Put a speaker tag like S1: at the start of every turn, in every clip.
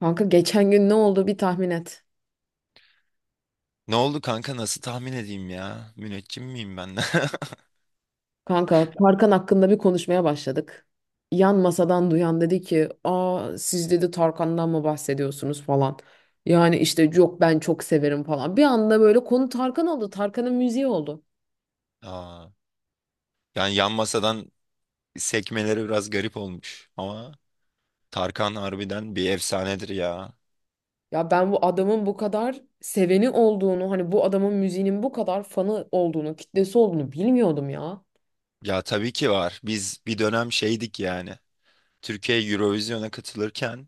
S1: Kanka geçen gün ne oldu bir tahmin et.
S2: Ne oldu kanka nasıl tahmin edeyim ya? Müneccim miyim ben?
S1: Kanka Tarkan hakkında bir konuşmaya başladık. Yan masadan duyan dedi ki, "Aa siz dedi Tarkan'dan mı bahsediyorsunuz falan." Yani işte yok ben çok severim falan. Bir anda böyle konu Tarkan oldu. Tarkan'ın müziği oldu.
S2: Aa, yani yan masadan sekmeleri biraz garip olmuş ama Tarkan harbiden bir efsanedir ya.
S1: Ya ben bu adamın bu kadar seveni olduğunu, hani bu adamın müziğinin bu kadar fanı olduğunu, kitlesi olduğunu bilmiyordum ya.
S2: Ya tabii ki var. Biz bir dönem şeydik yani. Türkiye Eurovision'a katılırken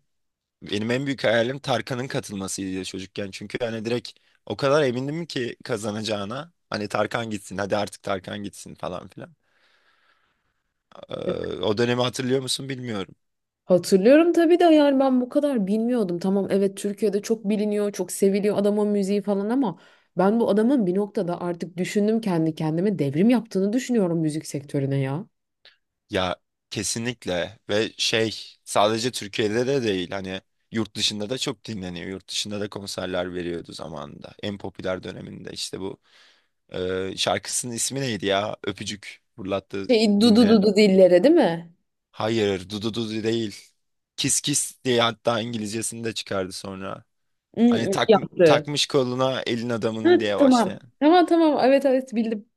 S2: benim en büyük hayalim Tarkan'ın katılmasıydı çocukken. Çünkü hani direkt o kadar emindim ki kazanacağına. Hani Tarkan gitsin hadi artık Tarkan gitsin falan filan. Ee, O dönemi hatırlıyor musun bilmiyorum.
S1: Hatırlıyorum tabii de yani ben bu kadar bilmiyordum. Tamam evet Türkiye'de çok biliniyor, çok seviliyor adamın müziği falan ama ben bu adamın bir noktada artık düşündüm kendi kendime devrim yaptığını düşünüyorum müzik sektörüne ya.
S2: Ya kesinlikle ve şey sadece Türkiye'de de değil hani yurt dışında da çok dinleniyor. Yurt dışında da konserler veriyordu zamanında. En popüler döneminde işte bu şarkısının ismi neydi ya? Öpücük fırlattı
S1: Şey dudu
S2: dinleyen.
S1: dudu dillere değil mi?
S2: Hayır, Dudu Dudu değil. Kiss Kiss diye hatta İngilizcesini de çıkardı sonra.
S1: Hı
S2: Hani
S1: hı,
S2: tak,
S1: yaptı.
S2: takmış koluna elin
S1: Ha,
S2: adamının diye başlayan.
S1: tamam. Tamam tamam, evet evet, bildim.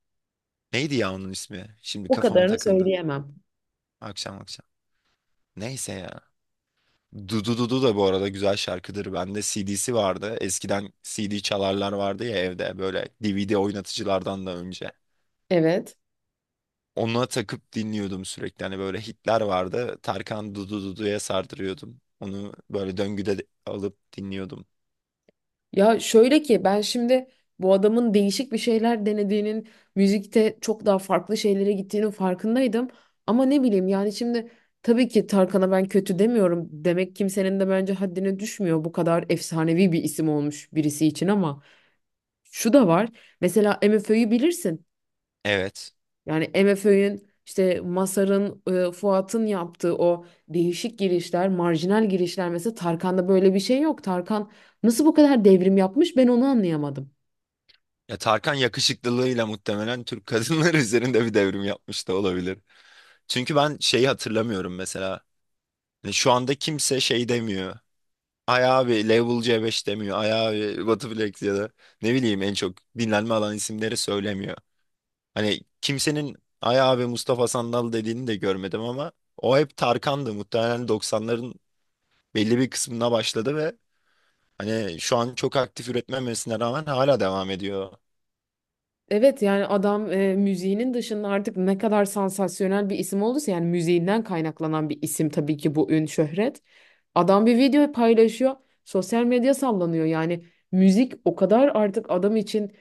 S2: Neydi ya onun ismi? Şimdi
S1: O
S2: kafama
S1: kadarını
S2: takıldı.
S1: söyleyemem.
S2: Akşam akşam. Neyse ya. Dudu Dudu da bu arada güzel şarkıdır. Bende CD'si vardı. Eskiden CD çalarlar vardı ya evde, böyle DVD oynatıcılardan da önce.
S1: Evet.
S2: Ona takıp dinliyordum sürekli. Hani böyle hitler vardı. Tarkan Dudu Dudu'ya sardırıyordum. Onu böyle döngüde alıp dinliyordum.
S1: Ya şöyle ki ben şimdi bu adamın değişik bir şeyler denediğinin, müzikte çok daha farklı şeylere gittiğinin farkındaydım. Ama ne bileyim yani şimdi tabii ki Tarkan'a ben kötü demiyorum. Demek kimsenin de bence haddine düşmüyor bu kadar efsanevi bir isim olmuş birisi için ama şu da var. Mesela MFÖ'yü bilirsin.
S2: Evet.
S1: Yani MFÖ'nün işte Masar'ın, Fuat'ın yaptığı o değişik girişler, marjinal girişler mesela Tarkan'da böyle bir şey yok. Tarkan nasıl bu kadar devrim yapmış ben onu anlayamadım.
S2: Ya Tarkan yakışıklılığıyla muhtemelen Türk kadınları üzerinde bir devrim yapmış da olabilir. Çünkü ben şeyi hatırlamıyorum mesela. Hani şu anda kimse şey demiyor. Ay abi Level C5 demiyor. Ay abi Batuflex ya da ne bileyim en çok dinlenme alan isimleri söylemiyor. Hani kimsenin Ay abi Mustafa Sandal dediğini de görmedim ama o hep Tarkan'dı. Muhtemelen 90'ların belli bir kısmına başladı ve hani şu an çok aktif üretmemesine rağmen hala devam ediyor.
S1: Evet yani adam müziğinin dışında artık ne kadar sansasyonel bir isim olduysa yani müziğinden kaynaklanan bir isim tabii ki bu ün şöhret. Adam bir video paylaşıyor. Sosyal medya sallanıyor. Yani müzik o kadar artık adam için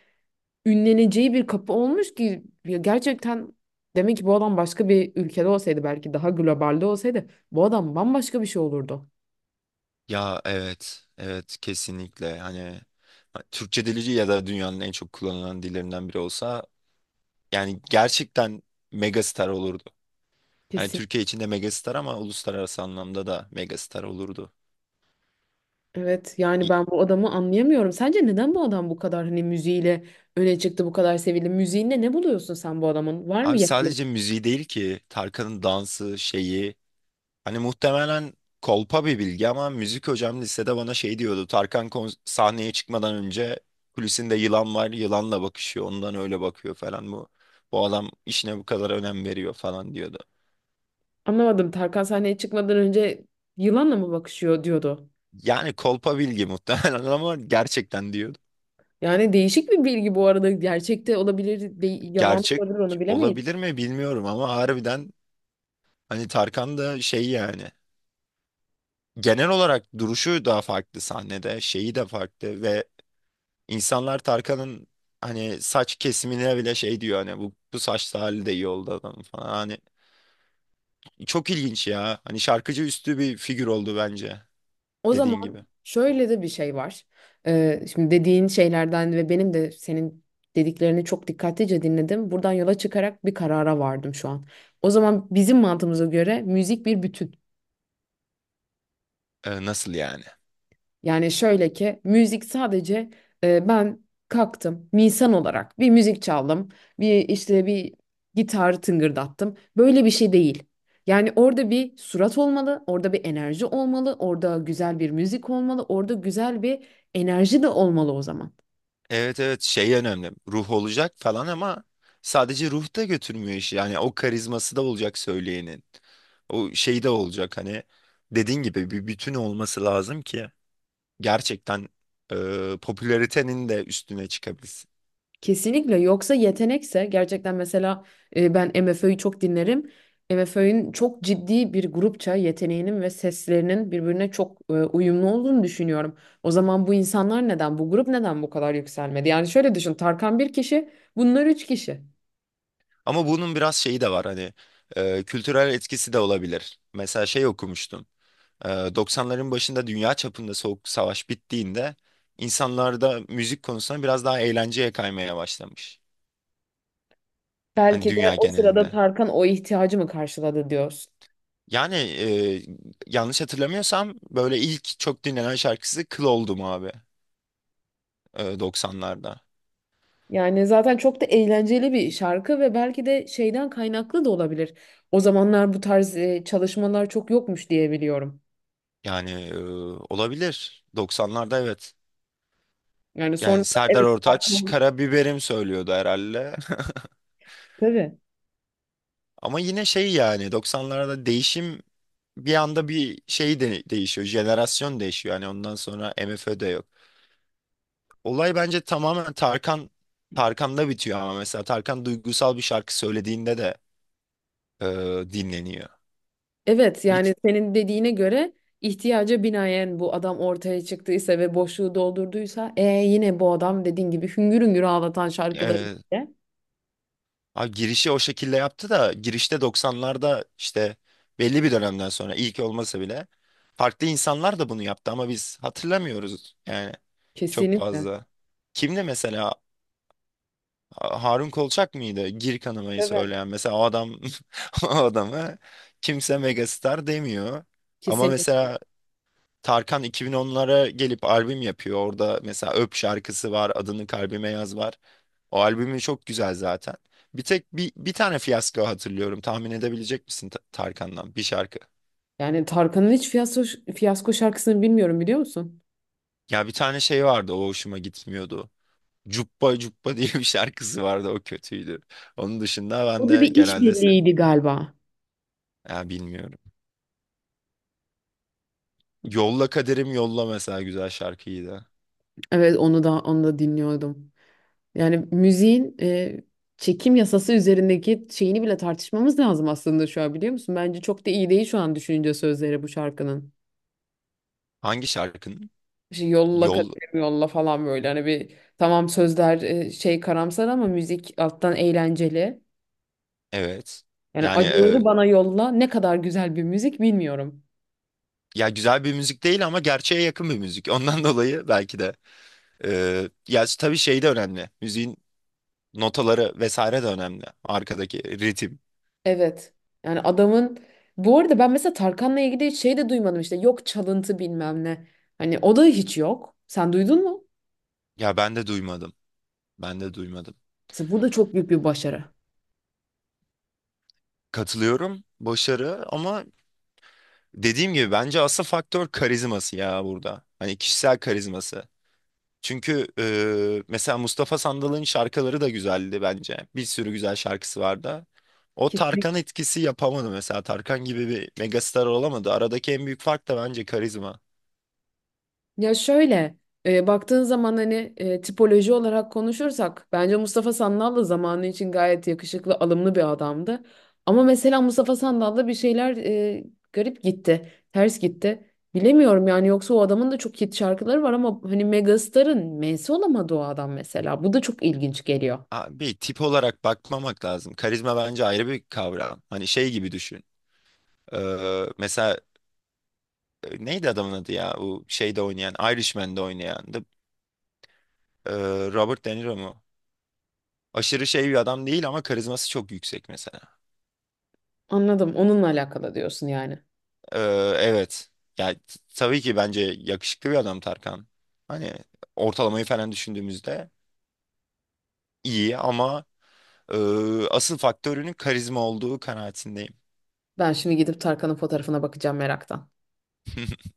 S1: ünleneceği bir kapı olmuş ki ya gerçekten demek ki bu adam başka bir ülkede olsaydı belki daha globalde olsaydı bu adam bambaşka bir şey olurdu.
S2: Ya evet, evet kesinlikle hani Türkçe dili ya da dünyanın en çok kullanılan dillerinden biri olsa yani gerçekten megastar olurdu. Hani Türkiye içinde megastar ama uluslararası anlamda da megastar olurdu.
S1: Evet yani
S2: İ-
S1: ben bu adamı anlayamıyorum. Sence neden bu adam bu kadar hani müziğiyle öne çıktı, bu kadar sevildi? Müziğinde ne buluyorsun sen bu adamın? Var mı
S2: Abi
S1: yakınlık?
S2: sadece müziği değil ki, Tarkan'ın dansı şeyi. Hani muhtemelen kolpa bir bilgi ama müzik hocam lisede bana şey diyordu. Tarkan sahneye çıkmadan önce kulisinde yılan var, yılanla bakışıyor, ondan öyle bakıyor falan bu. Bu adam işine bu kadar önem veriyor falan diyordu.
S1: Anlamadım. Tarkan sahneye çıkmadan önce yılanla mı bakışıyor diyordu.
S2: Yani kolpa bilgi muhtemelen, ama gerçekten diyordu.
S1: Yani değişik bir bilgi bu arada. Gerçekte olabilir, yalan da
S2: Gerçek
S1: olabilir onu bilemeyiz.
S2: olabilir mi bilmiyorum ama harbiden hani Tarkan da şey yani. Genel olarak duruşu da farklı sahnede, şeyi de farklı ve insanlar Tarkan'ın hani saç kesimine bile şey diyor, hani bu, bu saçlı hali de iyi oldu adamın falan. Hani çok ilginç ya. Hani şarkıcı üstü bir figür oldu bence,
S1: O
S2: dediğin gibi.
S1: zaman şöyle de bir şey var. Şimdi dediğin şeylerden ve benim de senin dediklerini çok dikkatlice dinledim. Buradan yola çıkarak bir karara vardım şu an. O zaman bizim mantığımıza göre müzik bir bütün.
S2: Nasıl yani?
S1: Yani şöyle ki müzik sadece ben kalktım bir insan olarak bir müzik çaldım, bir işte bir gitar tıngırdattım, böyle bir şey değil. Yani orada bir surat olmalı, orada bir enerji olmalı, orada güzel bir müzik olmalı, orada güzel bir enerji de olmalı o zaman.
S2: Evet evet şey önemli. Ruh olacak falan ama sadece ruh da götürmüyor işi. Yani o karizması da olacak söyleyenin. O şey de olacak hani, dediğin gibi bir bütün olması lazım ki gerçekten popülaritenin de üstüne çıkabilsin.
S1: Kesinlikle, yoksa yetenekse gerçekten mesela ben MFÖ'yü çok dinlerim. MFÖ'nün çok ciddi bir grupça yeteneğinin ve seslerinin birbirine çok uyumlu olduğunu düşünüyorum. O zaman bu insanlar neden, bu grup neden bu kadar yükselmedi? Yani şöyle düşün, Tarkan bir kişi, bunlar üç kişi.
S2: Ama bunun biraz şeyi de var, hani kültürel etkisi de olabilir. Mesela şey okumuştum. E, 90'ların başında dünya çapında soğuk savaş bittiğinde insanlarda müzik konusunda biraz daha eğlenceye kaymaya başlamış. Hani
S1: Belki de
S2: dünya
S1: o sırada
S2: genelinde.
S1: Tarkan o ihtiyacı mı karşıladı diyorsun.
S2: Yani yanlış hatırlamıyorsam böyle ilk çok dinlenen şarkısı Kıl Oldum abi, 90'larda.
S1: Yani zaten çok da eğlenceli bir şarkı ve belki de şeyden kaynaklı da olabilir. O zamanlar bu tarz çalışmalar çok yokmuş diye biliyorum.
S2: Yani olabilir. 90'larda evet.
S1: Yani sonra
S2: Yani Serdar
S1: evet
S2: Ortaç
S1: arkamı
S2: karabiberim söylüyordu herhalde.
S1: tabii.
S2: Ama yine şey yani 90'larda değişim bir anda bir şey de değişiyor. Jenerasyon değişiyor. Yani ondan sonra MFÖ de yok. Olay bence tamamen Tarkan'da bitiyor ama mesela Tarkan duygusal bir şarkı söylediğinde de e, dinleniyor.
S1: Evet yani
S2: Bit
S1: senin dediğine göre ihtiyaca binaen bu adam ortaya çıktıysa ve boşluğu doldurduysa yine bu adam dediğin gibi hüngür hüngür ağlatan şarkıları
S2: e,
S1: ile-
S2: ha, girişi o şekilde yaptı da girişte 90'larda işte belli bir dönemden sonra ilk olmasa bile farklı insanlar da bunu yaptı ama biz hatırlamıyoruz yani. Çok
S1: kesinlikle.
S2: fazla. Kimdi mesela? Harun Kolçak mıydı? Gir kanamayı
S1: Tabii.
S2: söyleyen. Mesela o adam o adamı kimse megastar demiyor. Ama
S1: Kesinlikle.
S2: mesela Tarkan 2010'lara gelip albüm yapıyor. Orada mesela Öp şarkısı var. Adını kalbime yaz var. O albümü çok güzel zaten. Bir tek bir tane fiyasko hatırlıyorum. Tahmin edebilecek misin Tarkan'dan bir şarkı?
S1: Yani Tarkan'ın hiç fiyasko, şarkısını bilmiyorum biliyor musun?
S2: Ya bir tane şey vardı, o hoşuma gitmiyordu. Cuppa Cuppa diye bir şarkısı vardı, o kötüydü. Onun dışında ben
S1: O da
S2: de
S1: bir
S2: genelde
S1: işbirliğiydi galiba.
S2: ya bilmiyorum. Yolla Kaderim Yolla mesela güzel şarkıydı.
S1: Evet onu da dinliyordum. Yani müziğin çekim yasası üzerindeki şeyini bile tartışmamız lazım aslında şu an biliyor musun? Bence çok da iyi değil şu an düşününce sözleri bu şarkının.
S2: Hangi şarkının?
S1: İşte yolla
S2: Yol,
S1: kaderim yolla falan, böyle hani bir tamam sözler şey karamsar ama müzik alttan eğlenceli.
S2: evet.
S1: Yani
S2: Yani
S1: acıları bana yolla ne kadar güzel bir müzik bilmiyorum.
S2: ya güzel bir müzik değil ama gerçeğe yakın bir müzik. Ondan dolayı belki de ya tabii şey de önemli. Müziğin notaları vesaire de önemli. Arkadaki ritim.
S1: Evet. Yani adamın, bu arada ben mesela Tarkan'la ilgili hiç şey de duymadım, işte yok çalıntı bilmem ne. Hani o da hiç yok. Sen duydun mu?
S2: Ya ben de duymadım. Ben de duymadım.
S1: Mesela bu da çok büyük bir başarı.
S2: Katılıyorum. Başarı ama, dediğim gibi bence asıl faktör karizması ya burada. Hani kişisel karizması. Çünkü mesela Mustafa Sandal'ın şarkıları da güzeldi bence. Bir sürü güzel şarkısı vardı. O Tarkan
S1: Kesinlikle.
S2: etkisi yapamadı mesela. Tarkan gibi bir megastar olamadı. Aradaki en büyük fark da bence karizma.
S1: Ya şöyle baktığın zaman hani tipoloji olarak konuşursak bence Mustafa Sandal da zamanı için gayet yakışıklı, alımlı bir adamdı. Ama mesela Mustafa Sandal'da bir şeyler garip gitti, ters gitti. Bilemiyorum yani, yoksa o adamın da çok hit şarkıları var ama hani Megastar'ın M'si olamadı o adam mesela. Bu da çok ilginç geliyor.
S2: Abi tip olarak bakmamak lazım. Karizma bence ayrı bir kavram. Hani şey gibi düşün. E, mesela neydi adamın adı ya? O şeyde oynayan, Irishman'de oynayan. E, Robert De Niro mu? Aşırı şey bir adam değil ama karizması çok yüksek mesela.
S1: Anladım. Onunla alakalı diyorsun yani.
S2: Ee, evet. Ya tabii ki bence yakışıklı bir adam Tarkan. Hani ortalamayı falan düşündüğümüzde iyi ama e, asıl faktörünün karizma olduğu kanaatindeyim.
S1: Ben şimdi gidip Tarkan'ın fotoğrafına bakacağım meraktan.